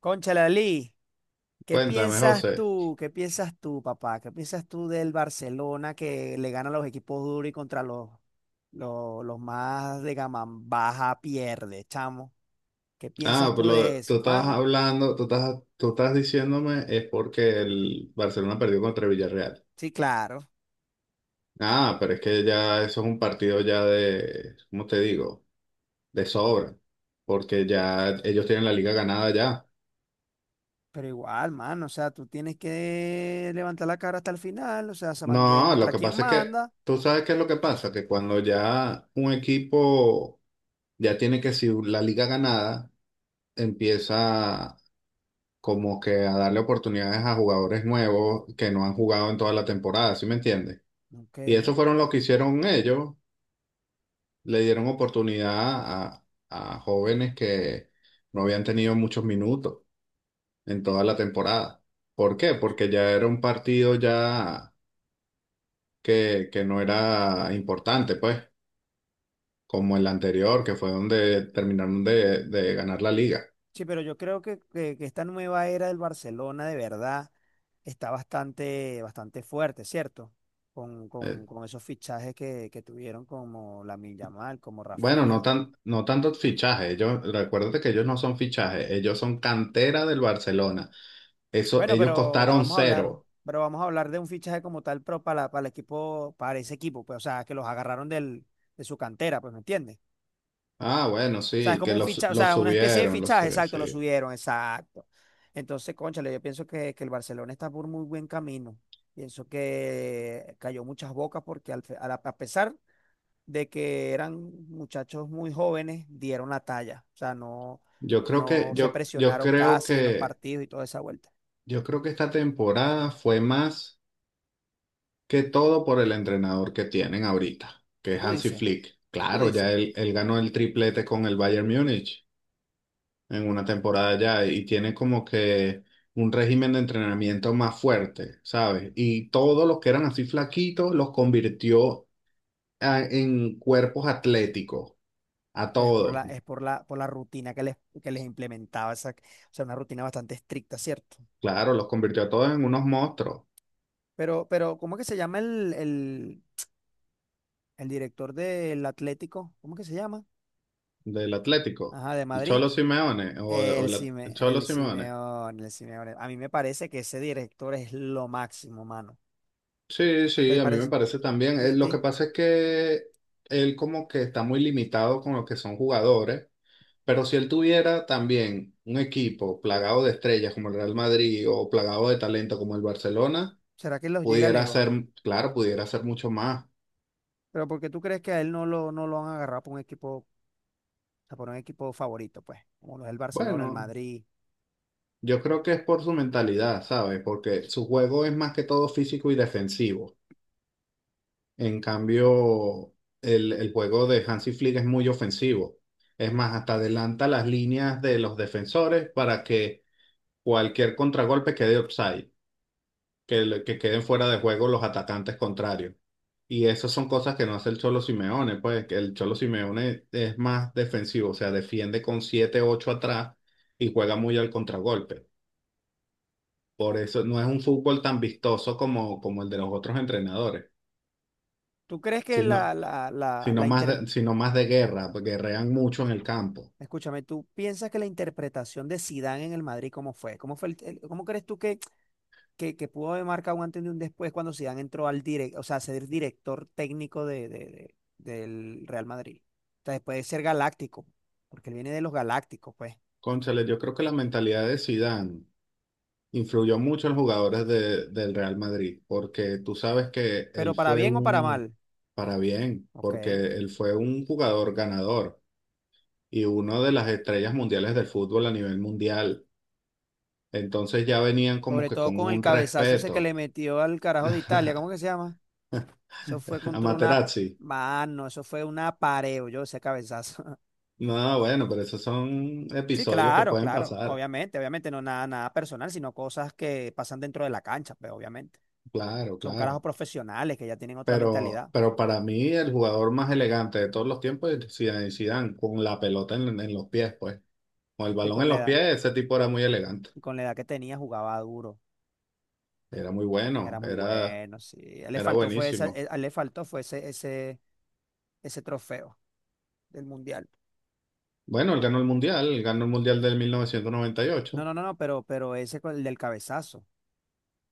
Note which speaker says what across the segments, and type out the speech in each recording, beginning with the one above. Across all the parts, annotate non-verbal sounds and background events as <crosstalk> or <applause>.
Speaker 1: Conchalalí, ¿qué
Speaker 2: Cuéntame,
Speaker 1: piensas
Speaker 2: José.
Speaker 1: tú? ¿Qué piensas tú, papá? ¿Qué piensas tú del Barcelona que le gana a los equipos duros y contra los más de gama baja pierde, chamo? ¿Qué
Speaker 2: Ah,
Speaker 1: piensas
Speaker 2: pues
Speaker 1: tú de
Speaker 2: tú
Speaker 1: eso,
Speaker 2: estás
Speaker 1: mano?
Speaker 2: hablando, tú estás diciéndome es porque el Barcelona perdió contra Villarreal.
Speaker 1: Sí, claro,
Speaker 2: Ah, pero es que ya eso es un partido ya de, ¿cómo te digo? De sobra, porque ya ellos tienen la liga ganada ya.
Speaker 1: pero igual, mano, o sea, tú tienes que levantar la cara hasta el final, o sea,
Speaker 2: No, lo
Speaker 1: demostrar
Speaker 2: que
Speaker 1: quién
Speaker 2: pasa es que,
Speaker 1: manda.
Speaker 2: tú sabes qué es lo que pasa, que cuando ya un equipo ya tiene que si la liga ganada, empieza como que a darle oportunidades a jugadores nuevos que no han jugado en toda la temporada, ¿sí me entiendes? Y
Speaker 1: Ok,
Speaker 2: eso fueron lo que hicieron ellos. Le dieron oportunidad a jóvenes que no habían tenido muchos minutos en toda la temporada. ¿Por qué?
Speaker 1: concho.
Speaker 2: Porque ya era un partido ya que no era importante, pues, como el anterior, que fue donde terminaron de ganar la liga.
Speaker 1: Sí, pero yo creo que esta nueva era del Barcelona de verdad está bastante, bastante fuerte, ¿cierto?
Speaker 2: Eh,
Speaker 1: Con esos fichajes que tuvieron como Lamine Yamal, como
Speaker 2: bueno, no
Speaker 1: Rafinha.
Speaker 2: tan, no tanto fichaje. Ellos, recuérdate que ellos no son fichajes, ellos son cantera del Barcelona. Eso,
Speaker 1: Bueno,
Speaker 2: ellos
Speaker 1: pero
Speaker 2: costaron
Speaker 1: vamos a hablar,
Speaker 2: cero.
Speaker 1: pero vamos a hablar de un fichaje como tal, pero para el equipo, para ese equipo, pues, o sea, que los agarraron de su cantera, pues, ¿me entiendes?
Speaker 2: Ah, bueno,
Speaker 1: O sea, es
Speaker 2: sí,
Speaker 1: como
Speaker 2: que
Speaker 1: un
Speaker 2: los
Speaker 1: fichaje, o
Speaker 2: los
Speaker 1: sea, una especie de
Speaker 2: subieron, los
Speaker 1: fichaje,
Speaker 2: subieron,
Speaker 1: exacto, lo
Speaker 2: sí.
Speaker 1: subieron, exacto. Entonces, cónchale, yo pienso que el Barcelona está por muy buen camino. Pienso que cayó muchas bocas porque al fe- a, la- a pesar de que eran muchachos muy jóvenes, dieron la talla. O sea, no,
Speaker 2: Yo creo que,
Speaker 1: no se
Speaker 2: yo,
Speaker 1: presionaron casi en los partidos y toda esa vuelta.
Speaker 2: yo creo que esta temporada fue más que todo por el entrenador que tienen ahorita, que es
Speaker 1: Tú
Speaker 2: Hansi
Speaker 1: dices,
Speaker 2: Flick.
Speaker 1: Tú
Speaker 2: Claro,
Speaker 1: dices,
Speaker 2: ya él ganó el triplete con el Bayern Múnich en una temporada ya y tiene como que un régimen de entrenamiento más fuerte, ¿sabes? Y todos los que eran así flaquitos los convirtió en cuerpos atléticos, a
Speaker 1: pero es
Speaker 2: todos.
Speaker 1: por la rutina que les implementaba esa, o sea, una rutina bastante estricta, ¿cierto?
Speaker 2: Claro, los convirtió a todos en unos monstruos
Speaker 1: Pero, ¿cómo es que se llama el director del Atlético? ¿Cómo que se llama?
Speaker 2: del Atlético.
Speaker 1: Ajá, de
Speaker 2: El
Speaker 1: Madrid.
Speaker 2: Cholo Simeone, o el Cholo Simeone.
Speaker 1: El Simeone. A mí me parece que ese director es lo máximo, mano.
Speaker 2: Sí,
Speaker 1: ¿Qué
Speaker 2: sí,
Speaker 1: te
Speaker 2: a mí me
Speaker 1: parece?
Speaker 2: parece también.
Speaker 1: ¿Y a
Speaker 2: Lo que
Speaker 1: ti?
Speaker 2: pasa es que él como que está muy limitado con lo que son jugadores, pero si él tuviera también un equipo plagado de estrellas como el Real Madrid o plagado de talento como el Barcelona,
Speaker 1: ¿Será que los llega
Speaker 2: pudiera
Speaker 1: lejos?
Speaker 2: ser, claro, pudiera ser mucho más.
Speaker 1: Pero porque tú crees que a él no no lo han agarrado por un equipo, o sea, por un equipo favorito, pues, como lo es el Barcelona, el
Speaker 2: Bueno,
Speaker 1: Madrid.
Speaker 2: yo creo que es por su mentalidad, ¿sabes? Porque su juego es más que todo físico y defensivo. En cambio, el juego de Hansi Flick es muy ofensivo. Es más, hasta adelanta las líneas de los defensores para que cualquier contragolpe quede offside, que queden fuera de juego los atacantes contrarios. Y esas son cosas que no hace el Cholo Simeone, pues que el Cholo Simeone es más defensivo, o sea, defiende con siete ocho atrás y juega muy al contragolpe. Por eso no es un fútbol tan vistoso como el de los otros entrenadores,
Speaker 1: ¿Tú crees que la,
Speaker 2: sino
Speaker 1: la, la,
Speaker 2: sino
Speaker 1: la
Speaker 2: más
Speaker 1: inter-
Speaker 2: de, sino más de guerra, porque guerrean mucho en el campo.
Speaker 1: Escúchame, ¿tú piensas que la interpretación de Zidane en el Madrid cómo fue? ¿Cómo fue cómo crees tú que pudo haber marcado un antes y un después cuando Zidane entró al o sea, a ser director técnico del Real Madrid. O sea, después de ser galáctico, porque él viene de los galácticos, pues.
Speaker 2: Cónchale, yo creo que la mentalidad de Zidane influyó mucho en los jugadores del Real Madrid, porque tú sabes que él
Speaker 1: Pero para
Speaker 2: fue
Speaker 1: bien o para mal,
Speaker 2: un, para bien,
Speaker 1: ok.
Speaker 2: porque él fue un jugador ganador y una de las estrellas mundiales del fútbol a nivel mundial. Entonces ya venían como
Speaker 1: Sobre
Speaker 2: que
Speaker 1: todo
Speaker 2: con
Speaker 1: con el
Speaker 2: un
Speaker 1: cabezazo ese que
Speaker 2: respeto
Speaker 1: le metió al carajo de Italia, ¿cómo que
Speaker 2: <laughs>
Speaker 1: se llama? Eso fue
Speaker 2: a
Speaker 1: contra una
Speaker 2: Materazzi.
Speaker 1: mano, eso fue un apareo, yo ese cabezazo. <laughs>
Speaker 2: No, bueno, pero esos son
Speaker 1: Sí,
Speaker 2: episodios que
Speaker 1: claro,
Speaker 2: pueden
Speaker 1: claro,
Speaker 2: pasar.
Speaker 1: obviamente, obviamente, no nada, nada personal, sino cosas que pasan dentro de la cancha, pues obviamente.
Speaker 2: Claro,
Speaker 1: Son
Speaker 2: claro.
Speaker 1: carajos profesionales que ya tienen otra
Speaker 2: Pero,
Speaker 1: mentalidad.
Speaker 2: pero para mí el jugador más elegante de todos los tiempos es Zinedine Zidane, con la pelota en los pies, pues. Con el
Speaker 1: Y
Speaker 2: balón
Speaker 1: con
Speaker 2: en
Speaker 1: la
Speaker 2: los
Speaker 1: edad,
Speaker 2: pies, ese tipo era muy elegante.
Speaker 1: y con la edad que tenía jugaba duro.
Speaker 2: Era muy
Speaker 1: Era
Speaker 2: bueno,
Speaker 1: muy
Speaker 2: era,
Speaker 1: bueno, sí. A él le
Speaker 2: era
Speaker 1: faltó fue esa,
Speaker 2: buenísimo.
Speaker 1: a él le faltó fue ese ese trofeo del mundial.
Speaker 2: Bueno, él ganó el Mundial, él ganó el Mundial del mil novecientos noventa y
Speaker 1: No,
Speaker 2: ocho
Speaker 1: no, no, no, pero ese con el del cabezazo.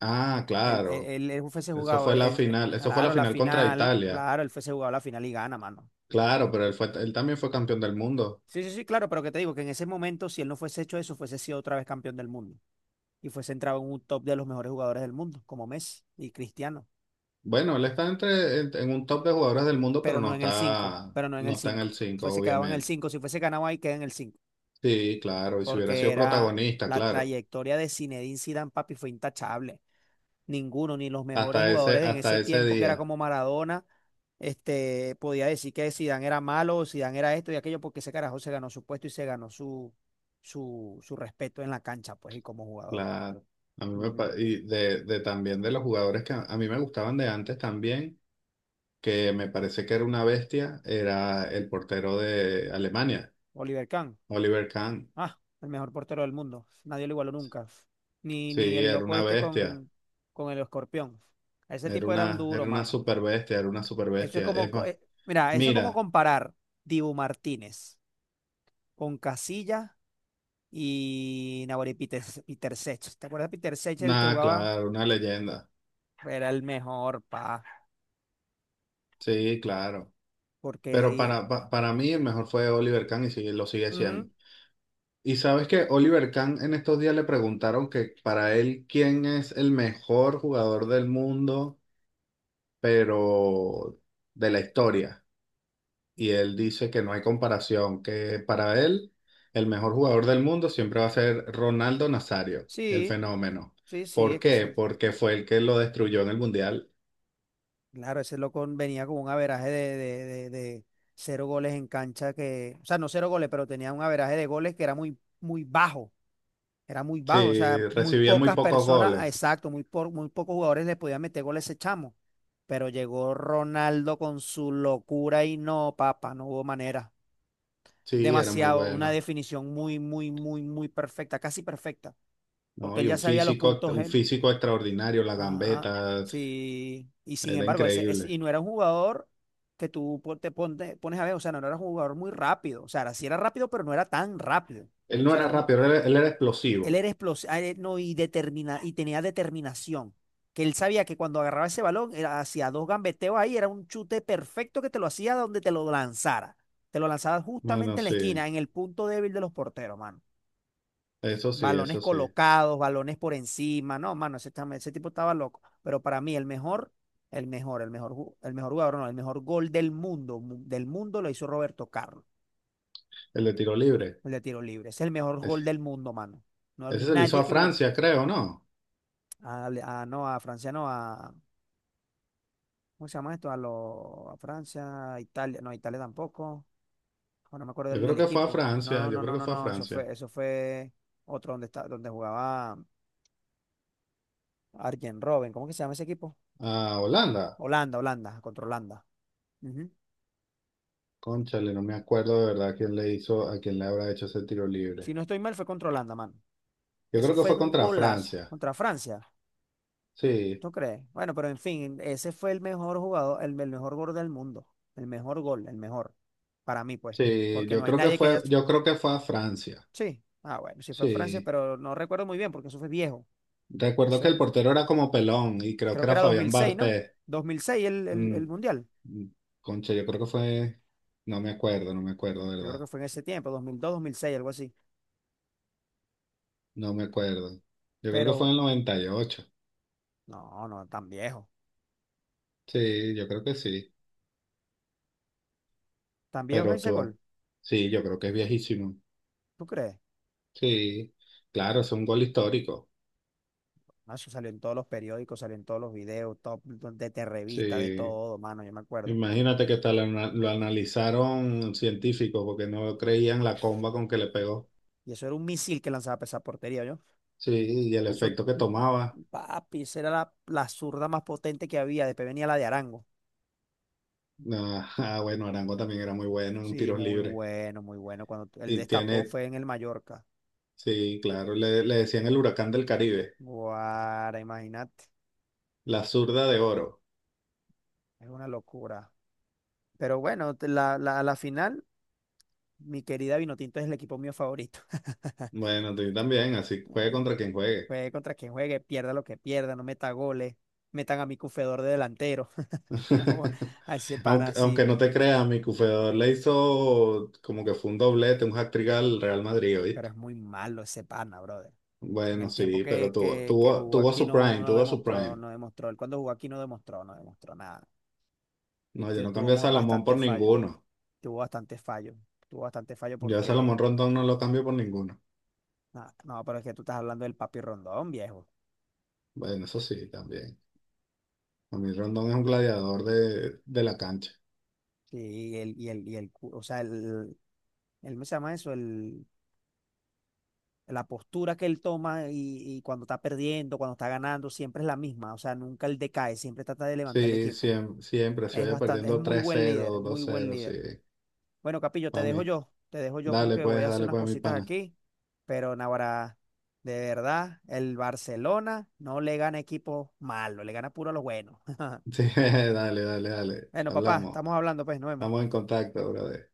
Speaker 2: Ah, claro.
Speaker 1: Él fuese
Speaker 2: Eso
Speaker 1: jugado,
Speaker 2: fue la final, eso fue la
Speaker 1: claro, la
Speaker 2: final contra
Speaker 1: final,
Speaker 2: Italia.
Speaker 1: claro, él fuese jugado la final y gana, mano.
Speaker 2: Claro, pero él fue, él también fue campeón del mundo.
Speaker 1: Sí, sí, sí, claro, pero que te digo que en ese momento, si él no fuese hecho eso, fuese sido otra vez campeón del mundo. Y fuese entrado en un top de los mejores jugadores del mundo, como Messi y Cristiano.
Speaker 2: Bueno, él está en un top de jugadores del mundo, pero no está,
Speaker 1: Pero no en
Speaker 2: no
Speaker 1: el
Speaker 2: está en el
Speaker 1: 5.
Speaker 2: 5
Speaker 1: Fuese quedado en el
Speaker 2: obviamente.
Speaker 1: 5 si fuese ganado ahí, queda en el 5.
Speaker 2: Sí, claro, y si hubiera
Speaker 1: Porque
Speaker 2: sido
Speaker 1: era
Speaker 2: protagonista,
Speaker 1: la
Speaker 2: claro,
Speaker 1: trayectoria de Zinedine Zidane, papi, fue intachable. Ninguno, ni los mejores
Speaker 2: hasta ese,
Speaker 1: jugadores en
Speaker 2: hasta
Speaker 1: ese
Speaker 2: ese
Speaker 1: tiempo que era
Speaker 2: día,
Speaker 1: como Maradona, este, podía decir que Zidane era malo o Zidane era esto y aquello, porque ese carajo se ganó su puesto y se ganó su respeto en la cancha, pues, y como jugador.
Speaker 2: claro. A mí me, pa-
Speaker 1: Ujú.
Speaker 2: y de también de los jugadores que a mí me gustaban de antes también, que me parece que era una bestia, era el portero de Alemania,
Speaker 1: Oliver Kahn,
Speaker 2: Oliver Kahn.
Speaker 1: ah, el mejor portero del mundo. Nadie lo igualó nunca.
Speaker 2: Sí,
Speaker 1: Ni el
Speaker 2: era
Speaker 1: loco
Speaker 2: una
Speaker 1: este
Speaker 2: bestia,
Speaker 1: con el escorpión. Ese
Speaker 2: era
Speaker 1: tipo
Speaker 2: una,
Speaker 1: era un duro,
Speaker 2: era una
Speaker 1: mano.
Speaker 2: super bestia, era una super
Speaker 1: Eso es
Speaker 2: bestia.
Speaker 1: como,
Speaker 2: Es más,
Speaker 1: mira, eso es como
Speaker 2: mira,
Speaker 1: comparar Dibu Martínez con Casilla y Nahuel y Peter Sech. ¿Te acuerdas de Peter Sech, el que
Speaker 2: nada,
Speaker 1: jugaba?
Speaker 2: claro, una leyenda.
Speaker 1: Era el mejor, pa.
Speaker 2: Sí, claro. Pero
Speaker 1: Porque,
Speaker 2: para mí el mejor fue Oliver Kahn y lo sigue
Speaker 1: ujú,
Speaker 2: siendo. Y sabes que Oliver Kahn en estos días le preguntaron que para él quién es el mejor jugador del mundo, pero de la historia. Y él dice que no hay comparación, que para él el mejor jugador del mundo siempre va a ser Ronaldo Nazario, el
Speaker 1: sí,
Speaker 2: fenómeno.
Speaker 1: sí, sí,
Speaker 2: ¿Por
Speaker 1: es que
Speaker 2: qué?
Speaker 1: ese,
Speaker 2: Porque fue el que lo destruyó en el Mundial.
Speaker 1: claro, ese loco venía con un averaje de cero goles en cancha que, o sea, no cero goles, pero tenía un averaje de goles que era muy, muy bajo. Era muy
Speaker 2: Sí,
Speaker 1: bajo, o sea, muy
Speaker 2: recibía muy
Speaker 1: pocas
Speaker 2: pocos
Speaker 1: personas, ah,
Speaker 2: goles.
Speaker 1: exacto, muy, por, muy pocos jugadores le podían meter gol a ese chamo. Pero llegó Ronaldo con su locura y no, papá, no hubo manera.
Speaker 2: Sí, era muy
Speaker 1: Demasiado, una
Speaker 2: bueno.
Speaker 1: definición muy, muy, muy, muy perfecta, casi perfecta,
Speaker 2: No,
Speaker 1: porque él
Speaker 2: y
Speaker 1: ya sabía los puntos
Speaker 2: un
Speaker 1: él.
Speaker 2: físico extraordinario, la
Speaker 1: Ajá,
Speaker 2: gambeta,
Speaker 1: sí, y sin
Speaker 2: era
Speaker 1: embargo,
Speaker 2: increíble.
Speaker 1: y no era un jugador que tú pon- te pon- pones a ver, o sea, no era un jugador muy rápido, o sea, sí era rápido, pero no era tan rápido.
Speaker 2: Él
Speaker 1: O
Speaker 2: no
Speaker 1: sea, era
Speaker 2: era
Speaker 1: un,
Speaker 2: rápido, él era
Speaker 1: él
Speaker 2: explosivo.
Speaker 1: era explosivo, no, y, determina, y tenía determinación. Que él sabía que cuando agarraba ese balón, hacía dos gambeteos ahí, era un chute perfecto que te lo hacía donde te lo lanzara. Te lo lanzaba
Speaker 2: Bueno,
Speaker 1: justamente en la esquina,
Speaker 2: sí,
Speaker 1: en el punto débil de los porteros, mano.
Speaker 2: eso sí,
Speaker 1: Balones
Speaker 2: eso sí.
Speaker 1: colocados, balones por encima. No, mano, ese tipo estaba loco. Pero para mí, el mejor, ju- el mejor jugador, no, el mejor gol del mundo, del mundo lo hizo Roberto Carlos,
Speaker 2: El de tiro libre.
Speaker 1: el de tiro libre. Es el mejor gol
Speaker 2: es-
Speaker 1: del mundo, mano. No, hay
Speaker 2: Ese se lo hizo
Speaker 1: nadie
Speaker 2: a
Speaker 1: que lo igual.
Speaker 2: Francia, creo, ¿no?
Speaker 1: No, a Francia no, a, ¿cómo se llama esto? A, lo, a Francia, Italia, no, Italia tampoco. Ah, no me acuerdo
Speaker 2: Yo creo
Speaker 1: del
Speaker 2: que fue a
Speaker 1: equipo.
Speaker 2: Francia,
Speaker 1: No,
Speaker 2: yo
Speaker 1: no,
Speaker 2: creo
Speaker 1: no,
Speaker 2: que
Speaker 1: no,
Speaker 2: fue a
Speaker 1: no,
Speaker 2: Francia.
Speaker 1: eso fue otro donde está, donde jugaba Arjen Robben. ¿Cómo que se llama ese equipo?
Speaker 2: A Holanda.
Speaker 1: Holanda, contra Holanda. Ujú.
Speaker 2: Cónchale, no me acuerdo de verdad quién le hizo, a quién le habrá hecho ese tiro libre.
Speaker 1: Si no estoy mal, fue contra Holanda, mano.
Speaker 2: Yo
Speaker 1: Eso
Speaker 2: creo que
Speaker 1: fue
Speaker 2: fue
Speaker 1: un
Speaker 2: contra
Speaker 1: golazo
Speaker 2: Francia.
Speaker 1: contra Francia.
Speaker 2: Sí,
Speaker 1: ¿Tú crees? Bueno, pero en fin, ese fue el mejor jugador, el mejor gol del mundo. El mejor gol, el mejor. Para mí, pues.
Speaker 2: sí,
Speaker 1: Porque
Speaker 2: yo
Speaker 1: no hay
Speaker 2: creo que
Speaker 1: nadie que haya.
Speaker 2: fue, yo creo que fue a Francia.
Speaker 1: Sí. Ah, bueno, sí fue en Francia,
Speaker 2: Sí.
Speaker 1: pero no recuerdo muy bien porque eso fue viejo.
Speaker 2: Recuerdo
Speaker 1: Eso
Speaker 2: que el
Speaker 1: en-
Speaker 2: portero era como pelón y creo
Speaker 1: Creo
Speaker 2: que
Speaker 1: que
Speaker 2: era
Speaker 1: era
Speaker 2: Fabián
Speaker 1: 2006, ¿no?
Speaker 2: Barthez.
Speaker 1: 2006 el Mundial.
Speaker 2: Concha, yo creo que fue, no me acuerdo, no me acuerdo,
Speaker 1: Yo creo
Speaker 2: ¿verdad?
Speaker 1: que fue en ese tiempo, 2002, 2006, algo así.
Speaker 2: No me acuerdo. Yo creo que fue
Speaker 1: Pero
Speaker 2: en el 98,
Speaker 1: no, no, tan viejo.
Speaker 2: sí, yo creo que sí.
Speaker 1: Tan viejo
Speaker 2: Pero
Speaker 1: ese
Speaker 2: tú,
Speaker 1: gol.
Speaker 2: sí, yo creo que es viejísimo.
Speaker 1: ¿Tú crees?
Speaker 2: Sí, claro, es un gol histórico.
Speaker 1: No, eso salió en todos los periódicos, salió en todos los videos, top, de revista, de
Speaker 2: Sí,
Speaker 1: todo, mano, yo me acuerdo.
Speaker 2: imagínate que tal lo analizaron científicos porque no creían la comba con que le pegó.
Speaker 1: Y eso era un misil que lanzaba para esa portería, ¿yo?
Speaker 2: Sí, y el
Speaker 1: Eso,
Speaker 2: efecto que
Speaker 1: mm,
Speaker 2: tomaba.
Speaker 1: papi, esa era la zurda más potente que había. Después venía la de Arango.
Speaker 2: Ah, ah, bueno, Arango también era muy bueno en
Speaker 1: Sí,
Speaker 2: tiros
Speaker 1: muy
Speaker 2: libres.
Speaker 1: bueno, muy bueno. Cuando el
Speaker 2: Y
Speaker 1: destapó
Speaker 2: tiene,
Speaker 1: fue en el Mallorca.
Speaker 2: sí, claro, le decían el huracán del Caribe.
Speaker 1: Guara, imagínate,
Speaker 2: La zurda de oro.
Speaker 1: es una locura. Pero bueno, la final, mi querida Vinotinto es el equipo mío favorito. <laughs>
Speaker 2: Bueno, tú también, así juegue
Speaker 1: Mm.
Speaker 2: contra quien juegue.
Speaker 1: Juegue contra quien juegue, pierda lo que pierda, no meta goles, metan a mi cufedor de delantero,
Speaker 2: <laughs>
Speaker 1: <laughs> a ese pana
Speaker 2: Aunque
Speaker 1: así.
Speaker 2: no te creas, mi cufeador le hizo como que fue un doblete, un hat-trick al Real Madrid,
Speaker 1: Pero
Speaker 2: ¿viste?
Speaker 1: es muy malo ese pana, brother. En
Speaker 2: Bueno,
Speaker 1: el tiempo
Speaker 2: sí, pero tuvo,
Speaker 1: que
Speaker 2: tuvo,
Speaker 1: jugó
Speaker 2: tuvo
Speaker 1: aquí
Speaker 2: su
Speaker 1: no,
Speaker 2: prime,
Speaker 1: no
Speaker 2: tuvo su
Speaker 1: demostró,
Speaker 2: prime.
Speaker 1: no demostró. Él cuando jugó aquí no demostró, no demostró nada. Y
Speaker 2: No, yo no cambié a Salomón por
Speaker 1: bastantes fallos.
Speaker 2: ninguno.
Speaker 1: Tuvo bastante fallo. Tuvo bastante fallo
Speaker 2: Yo a
Speaker 1: porque,
Speaker 2: Salomón Rondón no lo cambio por ninguno.
Speaker 1: ah, no, pero es que tú estás hablando del Papi Rondón, viejo.
Speaker 2: Bueno, eso sí, también. A mí Rondón es un gladiador de la cancha.
Speaker 1: Sí, y el, cu- o sea, ¿cómo se llama eso? El, la postura que él toma y cuando está perdiendo, cuando está ganando, siempre es la misma. O sea, nunca él decae, siempre trata de levantar el
Speaker 2: Sí,
Speaker 1: equipo.
Speaker 2: siempre, siempre, si
Speaker 1: Es
Speaker 2: vaya
Speaker 1: bastante, es
Speaker 2: perdiendo
Speaker 1: muy
Speaker 2: tres
Speaker 1: buen líder,
Speaker 2: cero
Speaker 1: muy
Speaker 2: dos
Speaker 1: buen
Speaker 2: cero sí,
Speaker 1: líder. Bueno, Capillo,
Speaker 2: para mí.
Speaker 1: te dejo yo porque voy a hacer
Speaker 2: Dale,
Speaker 1: unas
Speaker 2: pues, mi
Speaker 1: cositas
Speaker 2: pana.
Speaker 1: aquí, pero Navarra, de verdad, el Barcelona no le gana equipos malos, le gana puro a los buenos.
Speaker 2: Sí, <laughs> dale, dale, dale.
Speaker 1: Bueno, papá,
Speaker 2: Hablamos.
Speaker 1: estamos hablando, pues, nos vemos.
Speaker 2: Estamos en contacto, brother.